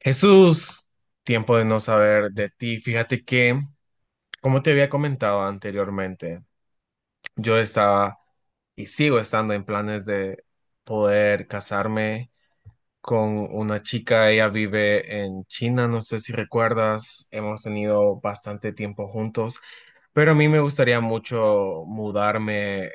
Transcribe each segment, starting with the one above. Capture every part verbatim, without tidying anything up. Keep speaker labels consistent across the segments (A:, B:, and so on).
A: Jesús, tiempo de no saber de ti. Fíjate que, como te había comentado anteriormente, yo estaba y sigo estando en planes de poder casarme con una chica, ella vive en China, no sé si recuerdas, hemos tenido bastante tiempo juntos, pero a mí me gustaría mucho mudarme,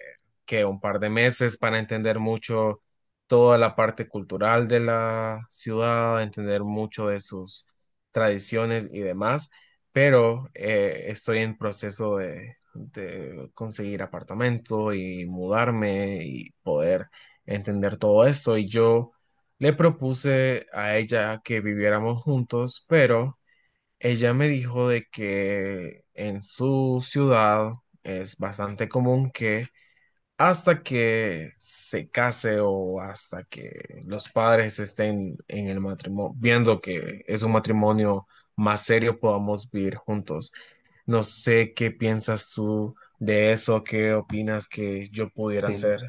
A: que un par de meses para entender mucho toda la parte cultural de la ciudad, entender mucho de sus tradiciones y demás, pero eh, estoy en proceso de, de conseguir apartamento y mudarme y poder entender todo esto y yo... Le propuse a ella que viviéramos juntos, pero ella me dijo de que en su ciudad es bastante común que hasta que se case o hasta que los padres estén en el matrimonio, viendo que es un matrimonio más serio, podamos vivir juntos. No sé qué piensas tú de eso, qué opinas que yo pudiera
B: Sí.
A: hacer.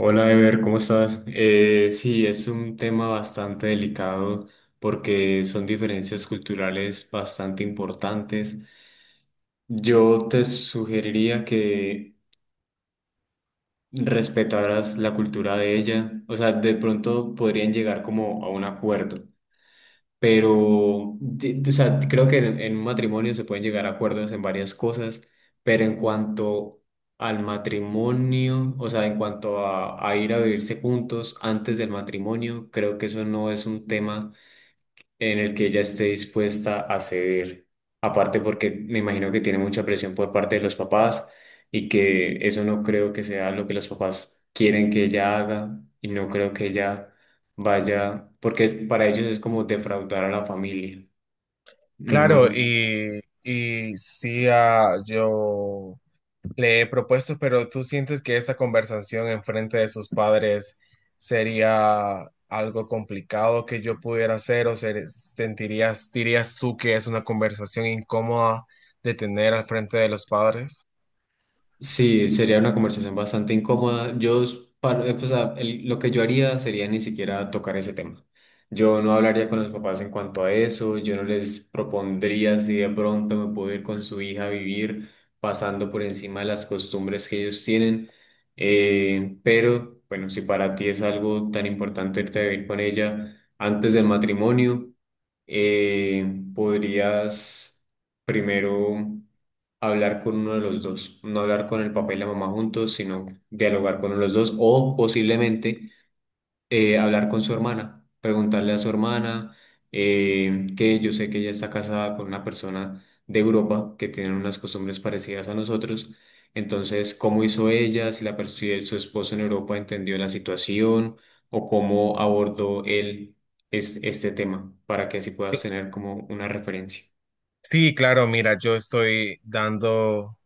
B: Hola, Ever, ¿cómo estás? Eh, sí, es un tema bastante delicado porque son diferencias culturales bastante importantes. Yo te sugeriría que respetaras la cultura de ella. O sea, de pronto podrían llegar como a un acuerdo. Pero de- de- o sea, creo que en, en un matrimonio se pueden llegar a acuerdos en varias cosas, pero en cuanto al matrimonio, o sea, en cuanto a, a ir a vivirse juntos antes del matrimonio, creo que eso no es un tema en el que ella esté dispuesta a ceder. Aparte porque me imagino que tiene mucha presión por parte de los papás y que eso no creo que sea lo que los papás quieren que ella haga y no creo que ella vaya, porque para ellos es como defraudar a la familia.
A: Claro,
B: No.
A: y, y sí, ah, yo le he propuesto, pero ¿tú sientes que esa conversación en frente de sus padres sería algo complicado que yo pudiera hacer o ser- sentirías, dirías tú que es una conversación incómoda de tener al frente de los padres?
B: Sí, sería una conversación bastante incómoda. Yo, par- eh, pues, a- el- lo que yo haría sería ni siquiera tocar ese tema. Yo no hablaría con los papás en cuanto a eso, yo no les propondría si de pronto me puedo ir con su hija a vivir pasando por encima de las costumbres que ellos tienen. Eh, pero, bueno, si para ti es algo tan importante irte a vivir con ella antes del matrimonio, eh, podrías primero hablar con uno de los dos, no hablar con el papá y la mamá juntos, sino dialogar con los dos o posiblemente eh, hablar con su hermana, preguntarle a su hermana eh, que yo sé que ella está casada con una persona de Europa que tiene unas costumbres parecidas a nosotros, entonces cómo hizo ella, si la pers- si el- su esposo en Europa entendió la situación o cómo abordó él es- este tema para que así puedas tener como una referencia.
A: Sí, claro, mira, yo estoy dando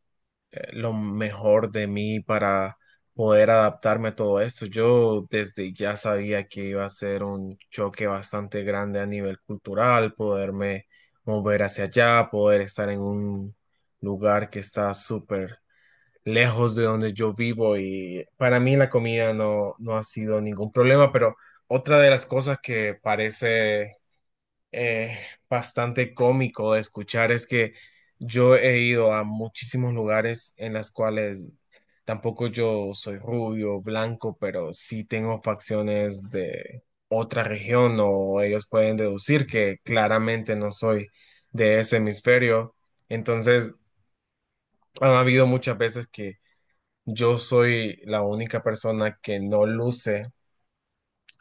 A: eh, lo mejor de mí para poder adaptarme a todo esto. Yo desde ya sabía que iba a ser un choque bastante grande a nivel cultural, poderme mover hacia allá, poder estar en un lugar que está súper lejos de donde yo vivo y para mí la comida no, no ha sido ningún problema, pero otra de las cosas que parece eh, bastante cómico de escuchar es que yo he ido a muchísimos lugares en las cuales tampoco yo soy rubio, blanco, pero sí tengo facciones de otra región o ellos pueden deducir que claramente no soy de ese hemisferio. Entonces, han habido muchas veces que yo soy la única persona que no luce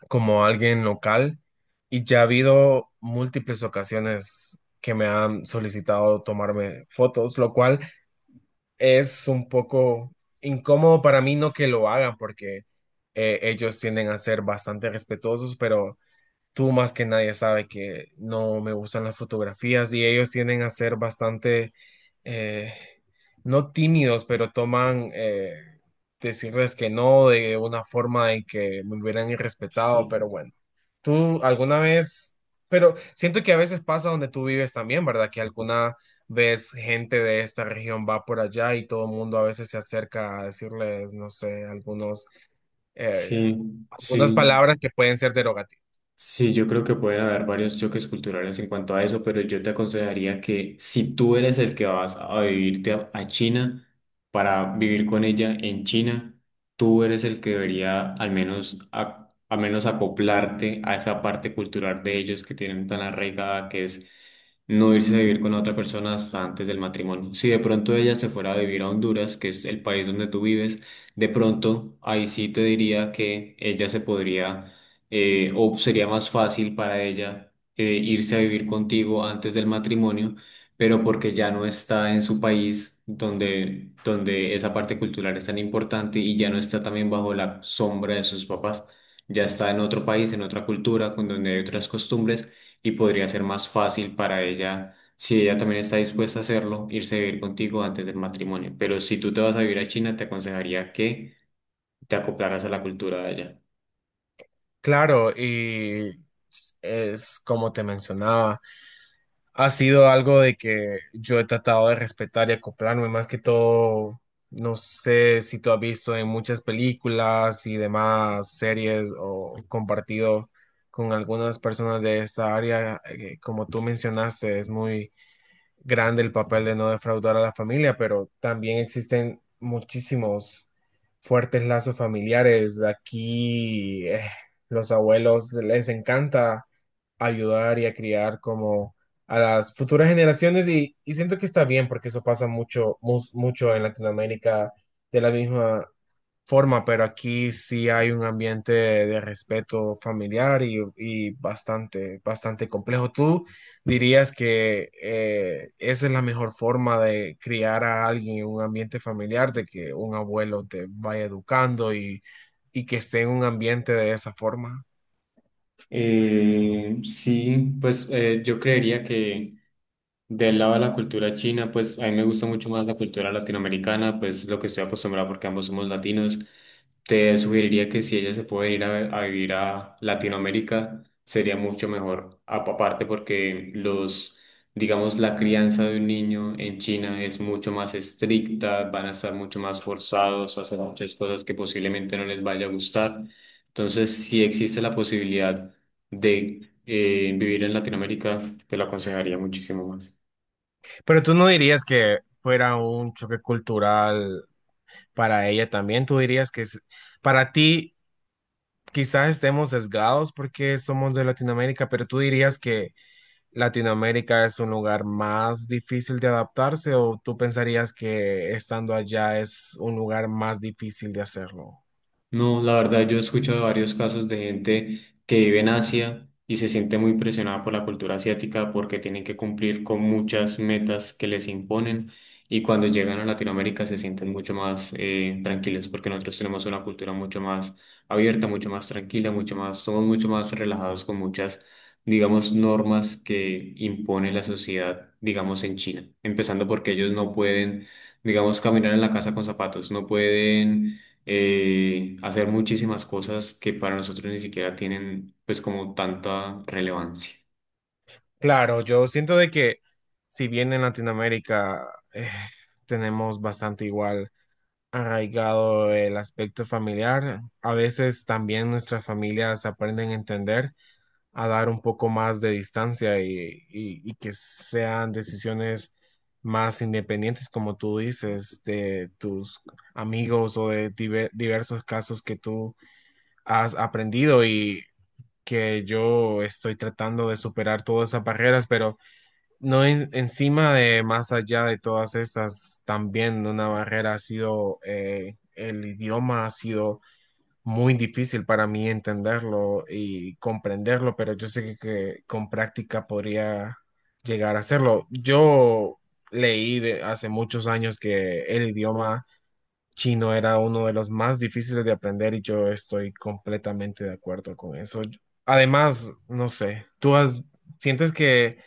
A: como alguien local y ya ha habido múltiples ocasiones que me han solicitado tomarme fotos, lo cual es un poco incómodo para mí no que lo hagan porque eh, ellos tienden a ser bastante respetuosos, pero tú más que nadie sabe que no me gustan las fotografías y ellos tienden a ser bastante, eh, no tímidos, pero toman... eh, decirles que no de una forma en que me hubieran irrespetado, pero
B: Sí.
A: bueno. Tú alguna vez, pero siento que a veces pasa donde tú vives también, ¿verdad? Que alguna vez gente de esta región va por allá y todo el mundo a veces se acerca a decirles, no sé, algunos, eh,
B: Sí,
A: algunas
B: sí.
A: palabras que pueden ser derogativas.
B: Sí, yo creo que pueden haber varios choques culturales en cuanto a eso, pero yo te aconsejaría que si tú eres el que vas a vivirte a, a China para vivir con ella en China, tú eres el que debería al menos, a- al menos acoplarte a esa parte cultural de ellos que tienen tan arraigada, que es no irse a vivir con otra persona hasta antes del matrimonio. Si de pronto ella se fuera a vivir a Honduras, que es el país donde tú vives, de pronto ahí sí te diría que ella se podría eh, o sería más fácil para ella eh, irse a vivir contigo antes del matrimonio, pero porque ya no está en su país donde, donde esa parte cultural es tan importante y ya no está también bajo la sombra de sus papás, ya está en otro país, en otra cultura, con donde hay otras costumbres y podría ser más fácil para ella. Si ella también está dispuesta a hacerlo, irse a vivir contigo antes del matrimonio. Pero si tú te vas a vivir a China, te aconsejaría que te acoplaras a la cultura de allá.
A: Claro, y es como te mencionaba. Ha sido algo de que yo he tratado de respetar y acoplarme, más que todo, no sé si tú has visto en muchas películas y demás series o compartido con algunas personas de esta área, eh, como tú mencionaste, es muy grande el papel de no defraudar a la familia, pero también existen muchísimos fuertes lazos familiares. Aquí eh, los abuelos les encanta ayudar y a criar como a las futuras generaciones y, y siento que está bien porque eso pasa mucho, mus- mucho en Latinoamérica de la misma forma, pero aquí sí hay un ambiente de respeto familiar y, y bastante, bastante complejo. ¿Tú dirías que eh, esa es la mejor forma de criar a alguien en un ambiente familiar, de que un abuelo te vaya educando y, y que esté en un ambiente de esa forma?
B: Eh, sí, pues eh, yo creería que... Del lado de la cultura china, pues a mí me gusta mucho más la cultura latinoamericana, pues lo que estoy acostumbrado porque ambos somos latinos. Te sugeriría que si ella se puede ir a, a vivir a Latinoamérica, sería mucho mejor. Apa- Aparte porque los, digamos, la crianza de un niño en China es mucho más estricta, van a estar mucho más forzados a hacer muchas cosas que posiblemente no les vaya a gustar. Entonces, si existe la posibilidad de eh, vivir en Latinoamérica, te lo aconsejaría muchísimo más.
A: Pero tú no dirías que fuera un choque cultural para ella también, tú dirías que es- para ti... Quizás estemos sesgados porque somos de Latinoamérica, pero tú dirías que ¿Latinoamérica es un lugar más difícil de adaptarse o tú pensarías que estando allá es un lugar más difícil de hacerlo?
B: No, la verdad, yo he escuchado varios casos de gente que vive en Asia y se siente muy presionada por la cultura asiática porque tienen que cumplir con muchas metas que les imponen y cuando llegan a Latinoamérica se sienten mucho más eh, tranquilos porque nosotros tenemos una cultura mucho más abierta, mucho más tranquila, mucho más, somos mucho más relajados con muchas, digamos, normas que impone la sociedad, digamos, en China, empezando porque ellos no pueden, digamos, caminar en la casa con zapatos, no pueden eh, hacer muchísimas cosas que para nosotros ni siquiera tienen pues como tanta relevancia.
A: Claro, yo siento de que si bien en Latinoamérica eh, tenemos bastante igual arraigado el aspecto familiar, a veces también nuestras familias aprenden a entender, a dar un poco más de distancia y, y- y que sean decisiones más independientes, como tú dices, de tus amigos o de diver- diversos casos que tú has aprendido y que yo estoy tratando de superar todas esas barreras, pero no en- encima de más allá de todas estas, también una barrera ha sido eh, el idioma, ha sido muy difícil para mí entenderlo y comprenderlo, pero yo sé que que con práctica podría llegar a hacerlo. Yo leí de hace muchos años que el idioma chino era uno de los más difíciles de aprender y yo estoy completamente de acuerdo con eso. Además, no sé, tú has, ¿sientes que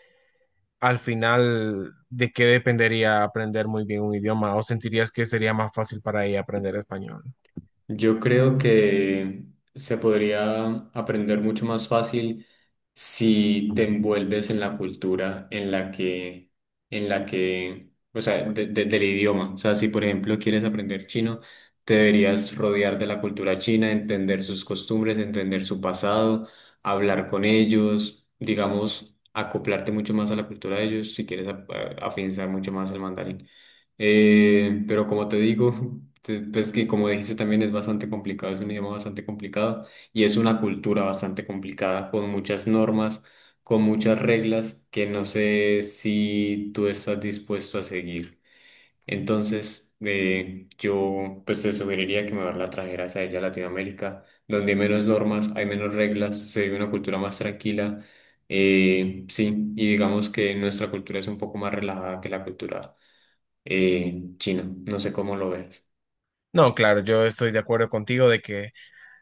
A: al final de qué dependería aprender muy bien un idioma? ¿O sentirías que sería más fácil para ella aprender español?
B: Yo creo que se podría aprender mucho más fácil si te envuelves en la cultura en la que, en la que, o sea, de- de- del idioma. O sea, si por ejemplo quieres aprender chino, te deberías rodear de la cultura china, entender sus costumbres, entender su pasado, hablar con ellos, digamos, acoplarte mucho más a la cultura de ellos si quieres a- a- afianzar mucho más el mandarín. Eh, pero como te digo, te- pues que como dijiste también es bastante complicado, es un idioma bastante complicado y es una cultura bastante complicada con muchas normas, con muchas reglas que no sé si tú estás dispuesto a seguir. Entonces, eh, yo pues te sugeriría que mejor la trajeras a ella a Latinoamérica, donde hay menos normas, hay menos reglas, se vive una cultura más tranquila. Eh, sí, y digamos que nuestra cultura es un poco más relajada que la cultura eh, chino. No sé cómo lo ves.
A: No, claro, yo estoy de acuerdo contigo de que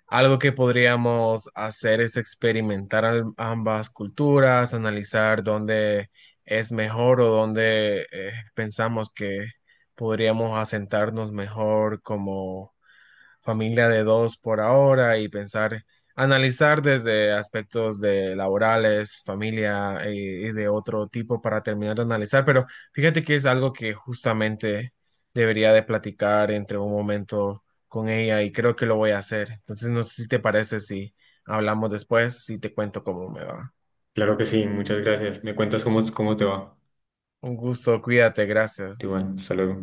A: algo que podríamos hacer es experimentar al- ambas culturas, analizar dónde es mejor o dónde eh, pensamos que podríamos asentarnos mejor como familia de dos por ahora y pensar, analizar desde aspectos de laborales, familia y, y de otro tipo para terminar de analizar. Pero fíjate que es algo que justamente debería de platicar entre un momento con ella y creo que lo voy a hacer. Entonces no sé si te parece si hablamos después, si te cuento cómo me va.
B: Claro que sí, muchas gracias. Me cuentas cómo, cómo te va.
A: Un gusto, cuídate, gracias.
B: Igual, hasta luego.